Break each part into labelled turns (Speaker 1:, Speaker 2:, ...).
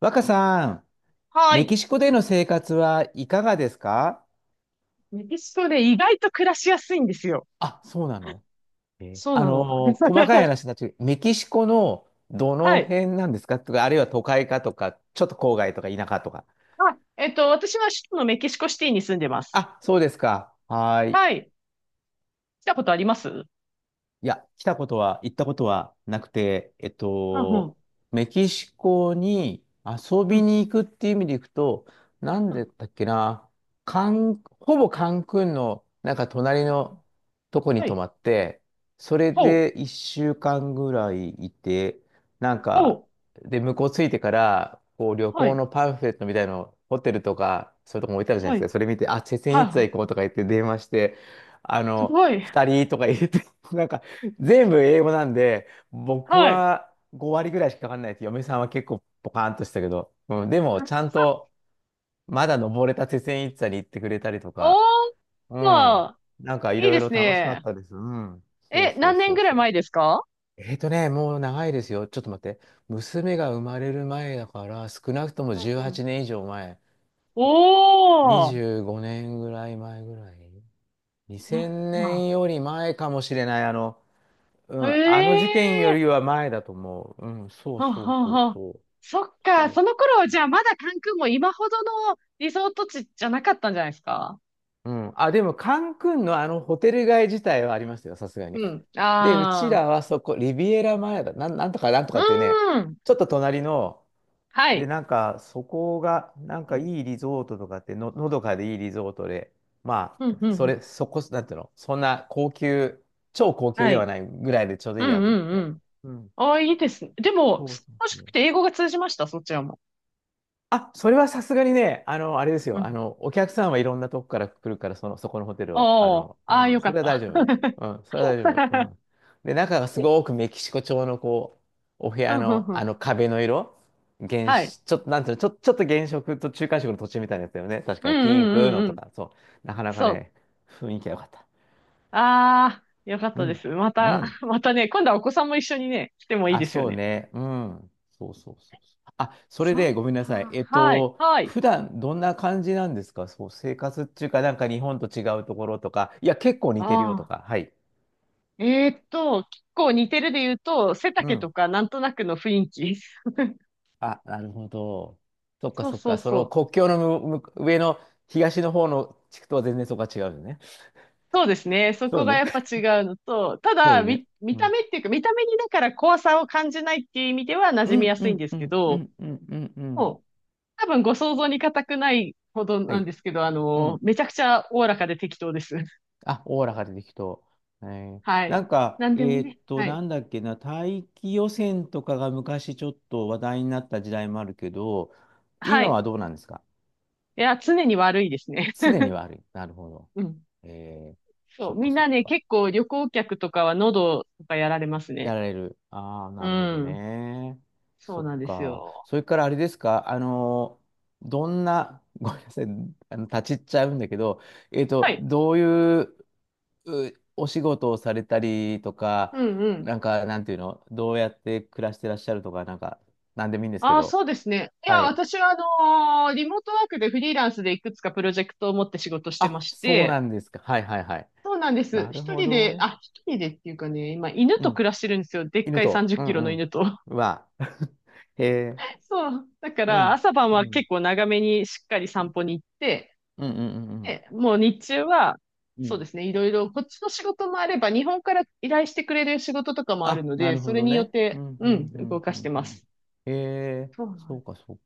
Speaker 1: 若さん、
Speaker 2: は
Speaker 1: メキ
Speaker 2: い。
Speaker 1: シコでの生活はいかがですか？
Speaker 2: メキシコで意外と暮らしやすいんですよ。
Speaker 1: あ、そうなの。え
Speaker 2: そう
Speaker 1: あ
Speaker 2: なの。
Speaker 1: のー細かい 話になっちゃう。メキシコのど
Speaker 2: は
Speaker 1: の
Speaker 2: い。
Speaker 1: 辺なんですかとか、あるいは都会かとか、ちょっと郊外とか田舎とか。
Speaker 2: 私は首都のメキシコシティに住んでます。
Speaker 1: あ、そうですか。はーい。
Speaker 2: はい。来たことあります？
Speaker 1: いや、来たことは、行ったことはなくて、
Speaker 2: はんうん。
Speaker 1: メキシコに遊
Speaker 2: う
Speaker 1: び
Speaker 2: ん。
Speaker 1: に行くっていう意味で行くと、なん
Speaker 2: うん。
Speaker 1: でだっけな、ほぼカンクンの、なんか隣のとこに
Speaker 2: は
Speaker 1: 泊
Speaker 2: い。
Speaker 1: まって、それ
Speaker 2: ほ
Speaker 1: で
Speaker 2: う。
Speaker 1: 一週間ぐらいいて、なん
Speaker 2: ほ
Speaker 1: か、で、向こう着いてから、こう旅
Speaker 2: う。は
Speaker 1: 行
Speaker 2: い。
Speaker 1: のパンフレットみたいの、ホテルとか、そういうとこも置いてあるじゃないで
Speaker 2: は
Speaker 1: すか。
Speaker 2: い。
Speaker 1: それ見て、あ、チェセン
Speaker 2: は
Speaker 1: イツァ行こ
Speaker 2: い。
Speaker 1: うとか言って電話して、あ
Speaker 2: す
Speaker 1: の、
Speaker 2: ごい。
Speaker 1: 二人とか言って、なんか、全部英語なんで、僕
Speaker 2: はい。
Speaker 1: は5割ぐらいしかかかんないです。嫁さんは結構ポカーンとしたけど。うん、で も、
Speaker 2: は。
Speaker 1: ちゃんと、まだ登れた鉄線一座に行ってくれたりと
Speaker 2: お
Speaker 1: か、
Speaker 2: ー。
Speaker 1: う
Speaker 2: ま
Speaker 1: ん。
Speaker 2: あ、
Speaker 1: なんかい
Speaker 2: いい
Speaker 1: ろい
Speaker 2: で
Speaker 1: ろ
Speaker 2: す
Speaker 1: 楽しかっ
Speaker 2: ね。
Speaker 1: たです。うん。そう
Speaker 2: え、
Speaker 1: そう
Speaker 2: 何年
Speaker 1: そう
Speaker 2: ぐらい
Speaker 1: そう。
Speaker 2: 前ですか？
Speaker 1: もう長いですよ。ちょっと待って。娘が生まれる前だから、少なくとも
Speaker 2: うん
Speaker 1: 18
Speaker 2: うん。
Speaker 1: 年以上前。
Speaker 2: おー。
Speaker 1: 25年ぐらい前ぐらい。
Speaker 2: あ、
Speaker 1: 2000
Speaker 2: ま
Speaker 1: 年より前かもしれない。う
Speaker 2: あ、へ
Speaker 1: ん、あの事件よ
Speaker 2: え。
Speaker 1: りは前だと思う。うん、そう
Speaker 2: ほう
Speaker 1: そう
Speaker 2: ほう
Speaker 1: そう
Speaker 2: ほう。
Speaker 1: そう。
Speaker 2: そっ
Speaker 1: そ
Speaker 2: か、
Speaker 1: う。
Speaker 2: その頃、じゃあまだ関空も今ほどのリゾート地じゃなかったんじゃないですか？
Speaker 1: うん、あ、でも、カンクンのあのホテル街自体はありますよ、さすがに。
Speaker 2: うん。
Speaker 1: で、うち
Speaker 2: あ
Speaker 1: らはそこ、リビエラ前だ、なんとかなんと
Speaker 2: あ、
Speaker 1: かっていうね、
Speaker 2: うーん。
Speaker 1: ちょっと隣の、
Speaker 2: は
Speaker 1: で、
Speaker 2: い。
Speaker 1: なんか、そこが、なん
Speaker 2: う
Speaker 1: か
Speaker 2: ん、
Speaker 1: いいリゾートとかって、のどかでいいリゾートで、ま
Speaker 2: う
Speaker 1: あ、
Speaker 2: ん、うん。
Speaker 1: そこ、なんていうの、そんな高級、超高級
Speaker 2: は
Speaker 1: では
Speaker 2: い。
Speaker 1: ないぐらいでちょうど
Speaker 2: う
Speaker 1: いい
Speaker 2: ん、
Speaker 1: や
Speaker 2: う
Speaker 1: と思っ
Speaker 2: ん、
Speaker 1: て。
Speaker 2: うん。
Speaker 1: うん。
Speaker 2: ああ、いいですね。でも、
Speaker 1: そうそう
Speaker 2: 楽し
Speaker 1: そ
Speaker 2: く
Speaker 1: う。
Speaker 2: て英語が通じました、そちらも。
Speaker 1: あ、それはさすがにね、あの、あれです
Speaker 2: う
Speaker 1: よ。あ
Speaker 2: ん。
Speaker 1: の、お客さんはいろんなとこから来るから、その、そこのホテルは。あ
Speaker 2: おー、
Speaker 1: の、
Speaker 2: ああ、
Speaker 1: うん、
Speaker 2: よか
Speaker 1: それ
Speaker 2: っ
Speaker 1: は大
Speaker 2: た。
Speaker 1: 丈夫。うん、それは大丈夫。う ん。で、中がすごくメキシコ調の、こう、お部
Speaker 2: ふ
Speaker 1: 屋
Speaker 2: んふん
Speaker 1: の、
Speaker 2: ふ
Speaker 1: あ
Speaker 2: ん。
Speaker 1: の壁の色、原
Speaker 2: はい。
Speaker 1: 色、ちょっと、なんていうの、ちょっと原色と中間色の途中みたいなやつだよね。確か
Speaker 2: うん
Speaker 1: に、ピンク
Speaker 2: うん
Speaker 1: の
Speaker 2: うん
Speaker 1: と
Speaker 2: うん。
Speaker 1: か、そう。なかなか
Speaker 2: そう。
Speaker 1: ね、雰囲気が良かった。
Speaker 2: ああ、よかっ
Speaker 1: う
Speaker 2: たで
Speaker 1: ん。
Speaker 2: す。ま
Speaker 1: う
Speaker 2: た、
Speaker 1: ん。
Speaker 2: またね、今度はお子さんも一緒にね、来てもいい
Speaker 1: あ、
Speaker 2: ですよ
Speaker 1: そう
Speaker 2: ね。
Speaker 1: ね。うん。そうそうそうそう。あ、それ
Speaker 2: そっ
Speaker 1: でごめんな
Speaker 2: か。
Speaker 1: さい。
Speaker 2: はい。はい。
Speaker 1: 普段どんな感じなんですか？そう、生活っていうか、なんか日本と違うところとか、いや、結構
Speaker 2: あ
Speaker 1: 似てるよと
Speaker 2: あ。
Speaker 1: か、はい。
Speaker 2: 結構似てるで言うと、背
Speaker 1: う
Speaker 2: 丈
Speaker 1: ん。
Speaker 2: とかなんとなくの雰囲気。
Speaker 1: あ、なるほど。そっか
Speaker 2: そう
Speaker 1: そっ
Speaker 2: そう
Speaker 1: か。そ
Speaker 2: そ
Speaker 1: の
Speaker 2: う。
Speaker 1: 国境の上の東の方の地区とは全然そこが違うよね。
Speaker 2: そうですね。そ
Speaker 1: そう
Speaker 2: こが
Speaker 1: ね。
Speaker 2: やっぱ違うのと、た
Speaker 1: そ
Speaker 2: だ、
Speaker 1: うね。
Speaker 2: 見
Speaker 1: う
Speaker 2: た
Speaker 1: ん。
Speaker 2: 目っていうか、見た目にだから怖さを感じないっていう意味では馴
Speaker 1: う
Speaker 2: 染み
Speaker 1: ん
Speaker 2: や
Speaker 1: う
Speaker 2: すいん
Speaker 1: ん
Speaker 2: です
Speaker 1: う
Speaker 2: け
Speaker 1: んう
Speaker 2: ど、
Speaker 1: んうんうんうん。
Speaker 2: もう、多分ご想像に難くないほど
Speaker 1: は
Speaker 2: なん
Speaker 1: い。
Speaker 2: ですけど、
Speaker 1: うん。
Speaker 2: めちゃくちゃおおらかで適当です。
Speaker 1: あ、オーラが出てきと。えー
Speaker 2: は
Speaker 1: なん
Speaker 2: い。
Speaker 1: か、
Speaker 2: なんでもね。は
Speaker 1: な
Speaker 2: い。
Speaker 1: んだっけな、大気汚染とかが昔ちょっと話題になった時代もあるけど、
Speaker 2: は
Speaker 1: 今
Speaker 2: い。
Speaker 1: はどうなんですか？
Speaker 2: いや、常に悪いですね。
Speaker 1: すでに悪い。なるほど。
Speaker 2: うん。
Speaker 1: えー、
Speaker 2: そ
Speaker 1: そ
Speaker 2: う、
Speaker 1: っか
Speaker 2: みん
Speaker 1: そっ
Speaker 2: なね、
Speaker 1: か。
Speaker 2: 結構旅行客とかは喉とかやられます
Speaker 1: や
Speaker 2: ね。
Speaker 1: られる。ああ、
Speaker 2: う
Speaker 1: なるほど
Speaker 2: ん。
Speaker 1: ね。
Speaker 2: そ
Speaker 1: そ
Speaker 2: う
Speaker 1: っ
Speaker 2: なんです
Speaker 1: か。
Speaker 2: よ。
Speaker 1: それからあれですか、あの、どんな、ごめんなさい、あの、立ち入っちゃうんだけど、
Speaker 2: はい。
Speaker 1: どういううお仕事をされたりとか、
Speaker 2: うんうん。
Speaker 1: なんか、なんていうの、どうやって暮らしてらっしゃるとか、なんか、なんでもいいんですけ
Speaker 2: ああ、
Speaker 1: ど。
Speaker 2: そうですね。いや、
Speaker 1: はい。
Speaker 2: 私はリモートワークでフリーランスでいくつかプロジェクトを持って仕事してま
Speaker 1: あ、
Speaker 2: し
Speaker 1: そうな
Speaker 2: て、
Speaker 1: んですか。はいはいはい。
Speaker 2: そうなんです。
Speaker 1: なる
Speaker 2: 一
Speaker 1: ほ
Speaker 2: 人で、
Speaker 1: ど。
Speaker 2: あ、一人でっていうかね、今犬
Speaker 1: う
Speaker 2: と
Speaker 1: ん。
Speaker 2: 暮らしてるんですよ。でっか
Speaker 1: 犬
Speaker 2: い
Speaker 1: と。
Speaker 2: 30
Speaker 1: う
Speaker 2: キ
Speaker 1: ん
Speaker 2: ロの
Speaker 1: うん。
Speaker 2: 犬と。
Speaker 1: うわ。へえ。
Speaker 2: そう。だか
Speaker 1: う
Speaker 2: ら
Speaker 1: ん。
Speaker 2: 朝晩
Speaker 1: う
Speaker 2: は
Speaker 1: ん。
Speaker 2: 結構長めにしっかり散歩に行って、
Speaker 1: うんうん
Speaker 2: で、もう日中は、
Speaker 1: は、う
Speaker 2: そう
Speaker 1: ん。
Speaker 2: ですね、いろいろ、こっちの仕事もあれば、日本から依頼してくれる仕事とかもある
Speaker 1: あ、
Speaker 2: の
Speaker 1: な
Speaker 2: で、
Speaker 1: る
Speaker 2: そ
Speaker 1: ほ
Speaker 2: れ
Speaker 1: ど
Speaker 2: によっ
Speaker 1: ね。う
Speaker 2: て、
Speaker 1: んう
Speaker 2: うん、
Speaker 1: んう
Speaker 2: 動
Speaker 1: ん
Speaker 2: か
Speaker 1: う
Speaker 2: し
Speaker 1: ん
Speaker 2: て
Speaker 1: う
Speaker 2: ま
Speaker 1: ん。
Speaker 2: す。
Speaker 1: へえ。
Speaker 2: そうな
Speaker 1: そ
Speaker 2: ん
Speaker 1: う
Speaker 2: です。
Speaker 1: かそう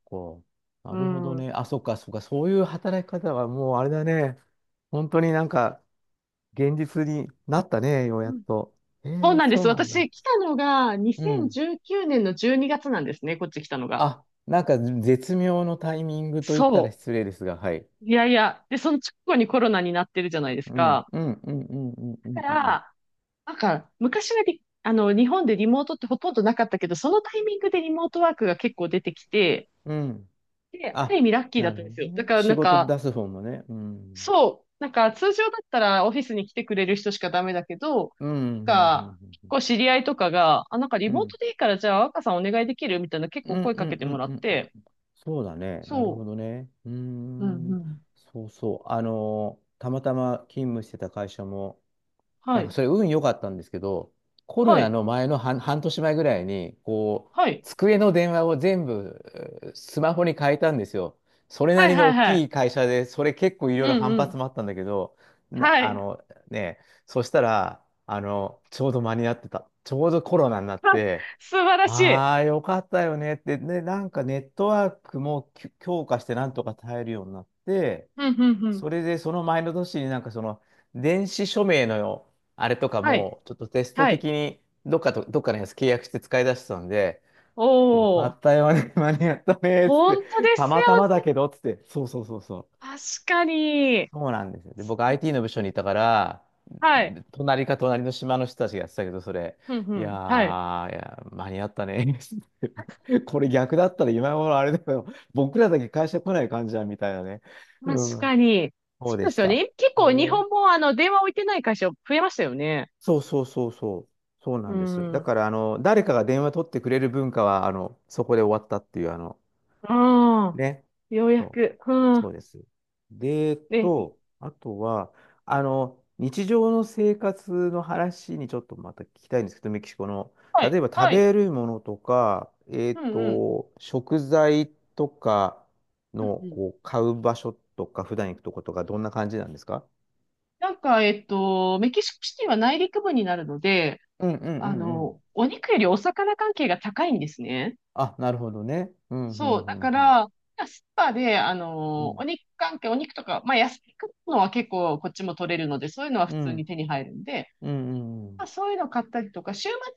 Speaker 1: か。
Speaker 2: う
Speaker 1: なるほど
Speaker 2: ん。う
Speaker 1: ね。あ、そっかそっか。そういう働き方はもうあれだね。本当になんか、現実になったね、ようやっ
Speaker 2: ん。
Speaker 1: と。
Speaker 2: そうなんで
Speaker 1: そ
Speaker 2: す。
Speaker 1: うなん
Speaker 2: 私、
Speaker 1: だ。
Speaker 2: 来たのが
Speaker 1: うん。
Speaker 2: 2019年の12月なんですね、こっち来たのが。
Speaker 1: あ、なんか絶妙のタイミングと言ったら
Speaker 2: そ
Speaker 1: 失礼ですが、はい。
Speaker 2: う。いやいや。で、その直後にコロナになってるじゃないです
Speaker 1: うん、
Speaker 2: か。
Speaker 1: うん、うん、うん、うん、う
Speaker 2: だ
Speaker 1: ん。
Speaker 2: か
Speaker 1: うん。
Speaker 2: ら、なんか、昔はリあの、日本でリモートってほとんどなかったけど、そのタイミングでリモートワークが結構出てきて、
Speaker 1: うん。
Speaker 2: で、ある意
Speaker 1: あ、
Speaker 2: 味ラッキーだ
Speaker 1: な
Speaker 2: っ
Speaker 1: る
Speaker 2: たん
Speaker 1: ほ
Speaker 2: で
Speaker 1: ど
Speaker 2: すよ。だ
Speaker 1: ね。
Speaker 2: から、
Speaker 1: 仕
Speaker 2: なん
Speaker 1: 事
Speaker 2: か、
Speaker 1: 出す方もね。うん。
Speaker 2: そう。なんか通常だったらオフィスに来てくれる人しかダメだけど、
Speaker 1: うん、う
Speaker 2: な
Speaker 1: ん、
Speaker 2: んか、結
Speaker 1: うん、
Speaker 2: 構知り合いとかが、あ、なんかリ
Speaker 1: うん。う
Speaker 2: モート
Speaker 1: ん、
Speaker 2: でいいからじゃあ若さんお願いできるみたいな結
Speaker 1: うん、
Speaker 2: 構声
Speaker 1: う
Speaker 2: か
Speaker 1: ん、
Speaker 2: けて
Speaker 1: う
Speaker 2: も
Speaker 1: ん、
Speaker 2: らっ
Speaker 1: うん。うん。
Speaker 2: て、
Speaker 1: そうだね。なるほ
Speaker 2: そ
Speaker 1: どね。うー
Speaker 2: う。うんう
Speaker 1: ん。
Speaker 2: ん。
Speaker 1: そうそう。あのたまたま勤務してた会社も、
Speaker 2: は
Speaker 1: なんか
Speaker 2: い。
Speaker 1: それ運良かったんですけど、コロ
Speaker 2: は
Speaker 1: ナ
Speaker 2: い。
Speaker 1: の前の半年前ぐらいに、こう、
Speaker 2: はい。
Speaker 1: 机の電話を全部スマホに変えたんですよ。それな
Speaker 2: はい
Speaker 1: りの
Speaker 2: はい
Speaker 1: 大
Speaker 2: は
Speaker 1: き
Speaker 2: い。
Speaker 1: い会社で、それ結構いろ
Speaker 2: う
Speaker 1: いろ
Speaker 2: ん
Speaker 1: 反
Speaker 2: うん。
Speaker 1: 発もあったんだけど、
Speaker 2: は
Speaker 1: あ
Speaker 2: い。
Speaker 1: のね、そしたら、ちょうど間に合ってた。ちょうどコロナになって、
Speaker 2: 素晴らしい。
Speaker 1: ああ、よかったよねって、ね、なんかネットワークも強化してなんとか耐えるようになって、
Speaker 2: うんうんうん。
Speaker 1: それでその前の年になんかその電子署名のあれとか
Speaker 2: はい。
Speaker 1: もちょっとテスト
Speaker 2: は
Speaker 1: 的
Speaker 2: い。
Speaker 1: にどっかのやつ契約して使い出してたんで、よか
Speaker 2: おー。
Speaker 1: ったよね、間に合ったね、つっ
Speaker 2: 本当
Speaker 1: て、
Speaker 2: で
Speaker 1: た
Speaker 2: す
Speaker 1: また
Speaker 2: よ
Speaker 1: まだ
Speaker 2: ね。
Speaker 1: けど、つって、そうそうそうそう。
Speaker 2: 確かに。
Speaker 1: そうなんですよ。で、僕 IT の部署にいたから、
Speaker 2: はい。
Speaker 1: 隣の島の人たちがやってたけど、それ、
Speaker 2: うんう
Speaker 1: いや
Speaker 2: ん。はい。
Speaker 1: ー、いや、間に合ったね、つってこれ逆だったら今頃あれだけど、僕らだけ会社来ない感じだ、みたいなね。
Speaker 2: 確
Speaker 1: うん、
Speaker 2: かに。
Speaker 1: そう
Speaker 2: そう
Speaker 1: で
Speaker 2: で
Speaker 1: し
Speaker 2: すよ
Speaker 1: た。
Speaker 2: ね。結
Speaker 1: へ
Speaker 2: 構日
Speaker 1: ー。
Speaker 2: 本も電話置いてない会社増えましたよね。
Speaker 1: そうそうそうそう。そう
Speaker 2: う
Speaker 1: なんです。
Speaker 2: ん。
Speaker 1: だ
Speaker 2: う
Speaker 1: から、あの、誰かが電話取ってくれる文化は、あの、そこで終わったっていう、あの、
Speaker 2: ん。
Speaker 1: ね。
Speaker 2: ようや
Speaker 1: そう、
Speaker 2: く。うん。
Speaker 1: そうです。で、
Speaker 2: で、い、
Speaker 1: あとは、あの、日常の生活の話にちょっとまた聞きたいんですけど、メキシコの。
Speaker 2: は
Speaker 1: 例
Speaker 2: い、
Speaker 1: えば食
Speaker 2: はい。
Speaker 1: べるものとか、
Speaker 2: うんうん。
Speaker 1: 食材とか
Speaker 2: うんう
Speaker 1: の、
Speaker 2: ん。
Speaker 1: こう、買う場所とか、普段行くとことか、どんな感じなんですか？
Speaker 2: なんか、メキシコシティは内陸部になるので、
Speaker 1: うんうんう
Speaker 2: あ
Speaker 1: んうん。
Speaker 2: の、お肉よりお魚関係が高いんですね。
Speaker 1: あ、なるほどね。うんうん
Speaker 2: そう、
Speaker 1: う
Speaker 2: だか
Speaker 1: んうん。
Speaker 2: ら、スーパーで、あ
Speaker 1: う
Speaker 2: の、お
Speaker 1: ん。
Speaker 2: 肉関係、お肉とか、まあ、野菜買うのは結構こっちも取れるので、そういうのは普
Speaker 1: う
Speaker 2: 通に
Speaker 1: ん。
Speaker 2: 手に入るんで、
Speaker 1: う
Speaker 2: ま
Speaker 1: ん。
Speaker 2: あ、そういうの買ったりとか、週末だっ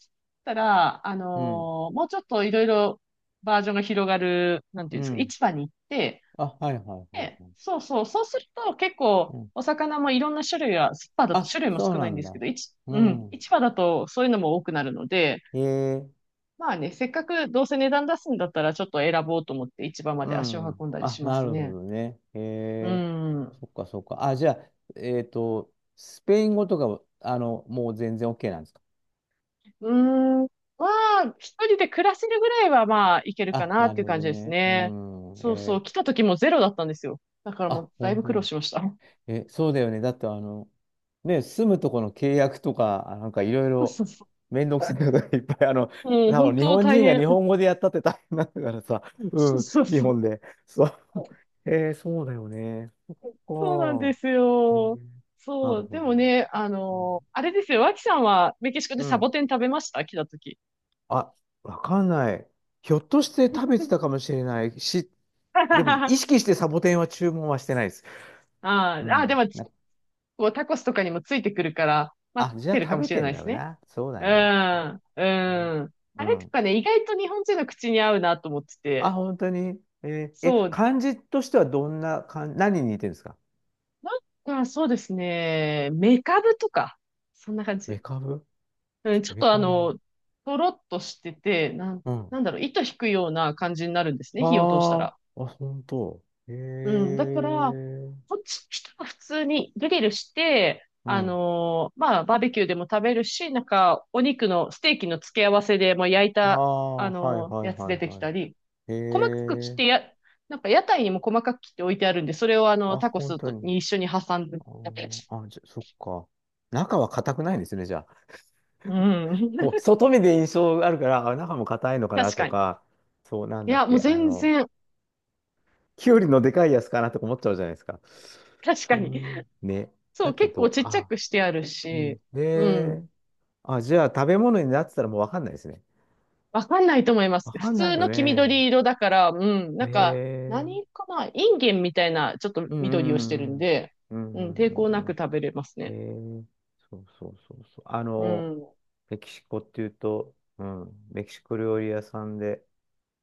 Speaker 2: たら、
Speaker 1: うん。
Speaker 2: もうちょっといろいろバージョンが広がる、なんてい
Speaker 1: う
Speaker 2: うんですか、
Speaker 1: ん。
Speaker 2: 市場に行って、
Speaker 1: あ、はいはいはい
Speaker 2: で、
Speaker 1: はい。
Speaker 2: そうそう、そうすると結構、
Speaker 1: うん。
Speaker 2: お魚もいろんな種類が、スーパーだと
Speaker 1: あ、
Speaker 2: 種類も
Speaker 1: そう
Speaker 2: 少な
Speaker 1: な
Speaker 2: いん
Speaker 1: ん
Speaker 2: ですけ
Speaker 1: だ。
Speaker 2: ど、
Speaker 1: う
Speaker 2: うん、
Speaker 1: ん。
Speaker 2: 市場だとそういうのも多くなるので、
Speaker 1: へえ。
Speaker 2: まあね、せっかくどうせ値段出すんだったら、ちょっと選ぼうと思って市場ま
Speaker 1: う
Speaker 2: で足を
Speaker 1: ん。
Speaker 2: 運んだり
Speaker 1: あ、
Speaker 2: しま
Speaker 1: な
Speaker 2: す
Speaker 1: るほ
Speaker 2: ね。
Speaker 1: どね。へ
Speaker 2: う
Speaker 1: え。
Speaker 2: ん。
Speaker 1: そっかそっか。あ、じゃあ、えっと、スペイン語とかは、あの、もう全然 OK なんですか？
Speaker 2: うーん。まあ、一人で暮らせるぐらいはまあ、いけるか
Speaker 1: あ、
Speaker 2: な
Speaker 1: な
Speaker 2: っ
Speaker 1: る
Speaker 2: ていう
Speaker 1: ほ
Speaker 2: 感
Speaker 1: ど
Speaker 2: じです
Speaker 1: ね。う
Speaker 2: ね。
Speaker 1: ん。
Speaker 2: そうそう。来た時もゼロだったんですよ。だからも
Speaker 1: あ、
Speaker 2: う、だい
Speaker 1: 本
Speaker 2: ぶ
Speaker 1: 当
Speaker 2: 苦労
Speaker 1: に。
Speaker 2: しました。
Speaker 1: え、そうだよね。だってあの、ね、住むとこの契約とか、あなんかいろい
Speaker 2: そう
Speaker 1: ろ
Speaker 2: そうそう。
Speaker 1: めんどくさいことがいっぱい、あの、
Speaker 2: もう、
Speaker 1: 多
Speaker 2: 本
Speaker 1: 分日
Speaker 2: 当
Speaker 1: 本
Speaker 2: 大
Speaker 1: 人が
Speaker 2: 変。
Speaker 1: 日本語でやったって大変なんだからさ、
Speaker 2: そ
Speaker 1: う
Speaker 2: う
Speaker 1: ん、
Speaker 2: そう
Speaker 1: 日
Speaker 2: そう。
Speaker 1: 本で。そう。そうだよね。あ
Speaker 2: そうなんで
Speaker 1: あ、
Speaker 2: す
Speaker 1: え
Speaker 2: よ。
Speaker 1: ーな
Speaker 2: そ
Speaker 1: る
Speaker 2: う。
Speaker 1: ほ
Speaker 2: で
Speaker 1: ど。
Speaker 2: もね、あ
Speaker 1: う
Speaker 2: の
Speaker 1: ん。
Speaker 2: あれですよ。脇さんはメキシコ
Speaker 1: う
Speaker 2: でサ
Speaker 1: ん。
Speaker 2: ボテン食べました？来た時。
Speaker 1: あ、わかんない。ひょっとして食べてたかもしれないし、でも
Speaker 2: あ
Speaker 1: 意識してサボテンは注文はしてないです。
Speaker 2: あ、
Speaker 1: う
Speaker 2: ああ、で
Speaker 1: ん。
Speaker 2: も、
Speaker 1: な
Speaker 2: こうタコスとかにもついてくるから、待
Speaker 1: あ、
Speaker 2: っ
Speaker 1: じゃあ
Speaker 2: てるか
Speaker 1: 食
Speaker 2: も
Speaker 1: べ
Speaker 2: しれ
Speaker 1: てん
Speaker 2: ない
Speaker 1: だ
Speaker 2: で
Speaker 1: ろ
Speaker 2: す
Speaker 1: う
Speaker 2: ね。
Speaker 1: な。そう
Speaker 2: うん、
Speaker 1: だね。
Speaker 2: う
Speaker 1: ね。
Speaker 2: ん。
Speaker 1: う
Speaker 2: あれと
Speaker 1: ん。
Speaker 2: かね、意外と日本人の口に合うなと思って
Speaker 1: あ、
Speaker 2: て。
Speaker 1: 本当に。えーえ、
Speaker 2: そう。
Speaker 1: 漢字としてはどんな漢、何に似てるんですか？
Speaker 2: なんか、そうですね。メカブとか。そんな感
Speaker 1: メ
Speaker 2: じ。
Speaker 1: カブ。
Speaker 2: うん、ちょっ
Speaker 1: メ
Speaker 2: とあ
Speaker 1: カブ。
Speaker 2: の、とろっとしてて、
Speaker 1: うん。
Speaker 2: なんだろう、糸引くような感じになるんです
Speaker 1: あ
Speaker 2: ね。火を通した
Speaker 1: あ、
Speaker 2: ら。
Speaker 1: あ、本当。へ
Speaker 2: うん。だから、
Speaker 1: え。
Speaker 2: こっち、人は普通にグリルして、
Speaker 1: うん。
Speaker 2: まあ、バーベキューでも食べるし、なんか、お肉の、ステーキの付け合わせでもう焼い
Speaker 1: あ
Speaker 2: た、
Speaker 1: あ、はいはい
Speaker 2: やつ
Speaker 1: は
Speaker 2: 出
Speaker 1: い
Speaker 2: てき
Speaker 1: はい。
Speaker 2: たり、
Speaker 1: へ
Speaker 2: 細かく切っ
Speaker 1: え。
Speaker 2: てや、なんか屋台にも細かく切って置いてあるんで、それをあの、
Speaker 1: あ、
Speaker 2: タコ
Speaker 1: 本
Speaker 2: ス
Speaker 1: 当
Speaker 2: と
Speaker 1: に。
Speaker 2: に一緒に挟んで
Speaker 1: あ
Speaker 2: やったやつ。
Speaker 1: ーあ、じゃ、そっか。中は硬くないんですね、じゃあ。
Speaker 2: う
Speaker 1: こう、
Speaker 2: ん。
Speaker 1: 外見で印象があるから、あ、中も硬いのかな
Speaker 2: 確
Speaker 1: と
Speaker 2: かに。
Speaker 1: か、そうなん
Speaker 2: い
Speaker 1: だっ
Speaker 2: や、もう
Speaker 1: け、あ
Speaker 2: 全
Speaker 1: の、
Speaker 2: 然、
Speaker 1: きゅうりのでかいやつかなとか思っちゃうじゃないですか。
Speaker 2: 確かに。
Speaker 1: ね。
Speaker 2: そ
Speaker 1: だ
Speaker 2: う、
Speaker 1: け
Speaker 2: 結構
Speaker 1: ど、
Speaker 2: ちっちゃ
Speaker 1: あ、
Speaker 2: くしてある
Speaker 1: う
Speaker 2: し、
Speaker 1: ん。
Speaker 2: う
Speaker 1: で、
Speaker 2: ん。
Speaker 1: あ、じゃあ食べ物になってたらもうわかんないですね。
Speaker 2: わかんないと思います。
Speaker 1: わか
Speaker 2: 普
Speaker 1: んない
Speaker 2: 通
Speaker 1: よ
Speaker 2: の黄
Speaker 1: ね。
Speaker 2: 緑色だから、うん。
Speaker 1: へ
Speaker 2: なんか、
Speaker 1: え。
Speaker 2: 何かなインゲンみたいな、ちょっと
Speaker 1: う
Speaker 2: 緑をしてる
Speaker 1: んう
Speaker 2: ん
Speaker 1: ん
Speaker 2: で、
Speaker 1: うん
Speaker 2: う
Speaker 1: うん。う
Speaker 2: ん、
Speaker 1: んう
Speaker 2: 抵
Speaker 1: ん
Speaker 2: 抗
Speaker 1: う
Speaker 2: な
Speaker 1: ん
Speaker 2: く食べれます
Speaker 1: うん。
Speaker 2: ね。
Speaker 1: へえ。そうそうそうそう。あ
Speaker 2: う
Speaker 1: の、
Speaker 2: ん。
Speaker 1: メキシコっていうと、うん、メキシコ料理屋さんで、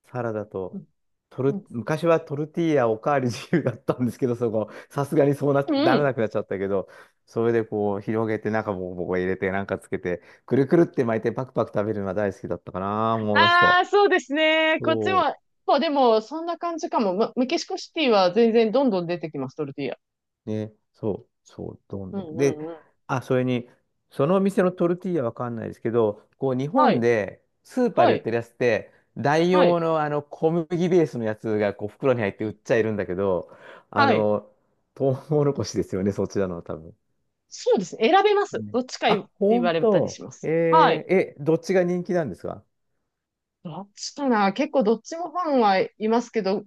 Speaker 1: サラダ
Speaker 2: う
Speaker 1: と、
Speaker 2: ん。うん。
Speaker 1: 昔はトルティーヤおかわり自由だったんですけど、そこ、さすがに
Speaker 2: う
Speaker 1: ならな
Speaker 2: ん。
Speaker 1: くなっちゃったけど、それでこう、広げて、中もボコボコ入れて、なんかつけて、くるくるって巻いて、パクパク食べるのが大好きだったかな、思い出す
Speaker 2: あ
Speaker 1: と。
Speaker 2: あ、そうですね。こっち
Speaker 1: そ
Speaker 2: も、
Speaker 1: う
Speaker 2: そうでも、そんな感じかも。ま、メキシコシティは全然どんどん出てきます、トルティーヤ。
Speaker 1: ね、そう、そう、どん
Speaker 2: うん
Speaker 1: どん。
Speaker 2: う
Speaker 1: で、
Speaker 2: んうん。
Speaker 1: あ、それに、そのお店のトルティーヤわかんないですけど、こう、日
Speaker 2: は
Speaker 1: 本
Speaker 2: い、
Speaker 1: でスーパー
Speaker 2: は
Speaker 1: で売っ
Speaker 2: い、
Speaker 1: てるやつって、代
Speaker 2: は
Speaker 1: 用
Speaker 2: い、
Speaker 1: のあの小麦ベースのやつがこう袋に入って売っちゃいるんだけど、あ
Speaker 2: はい。
Speaker 1: の、トウモロコシですよね、そちらのは多分。
Speaker 2: そうですね。選べます。
Speaker 1: ね。
Speaker 2: どっちかって
Speaker 1: あ、
Speaker 2: 言
Speaker 1: ほ
Speaker 2: わ
Speaker 1: ん
Speaker 2: れたりし
Speaker 1: と。
Speaker 2: ま
Speaker 1: え
Speaker 2: す。はい。
Speaker 1: ーえ、どっちが人気なんですか？
Speaker 2: どっちかな。結構どっちもファンはいますけど、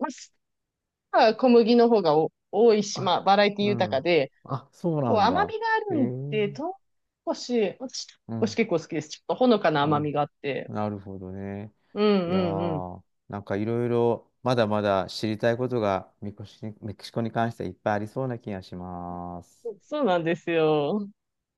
Speaker 2: まあ、小麦の方がお多いし、
Speaker 1: あ、
Speaker 2: まあ、バラエティ
Speaker 1: う
Speaker 2: 豊か
Speaker 1: ん。
Speaker 2: で、
Speaker 1: あ、そう
Speaker 2: こう
Speaker 1: なん
Speaker 2: 甘
Speaker 1: だ。
Speaker 2: みがあ
Speaker 1: え
Speaker 2: るんで、
Speaker 1: ー、
Speaker 2: 唐辛子、私、
Speaker 1: う
Speaker 2: 唐辛子
Speaker 1: ん。
Speaker 2: 結構好きです。ちょっとほのかな
Speaker 1: う
Speaker 2: 甘み
Speaker 1: ん。
Speaker 2: があって。
Speaker 1: なるほどね。
Speaker 2: うん
Speaker 1: い
Speaker 2: う
Speaker 1: や
Speaker 2: んうん。
Speaker 1: ー、なんかいろいろまだまだ知りたいことがメキシコに関してはいっぱいありそうな気がします。
Speaker 2: そうなんですよ。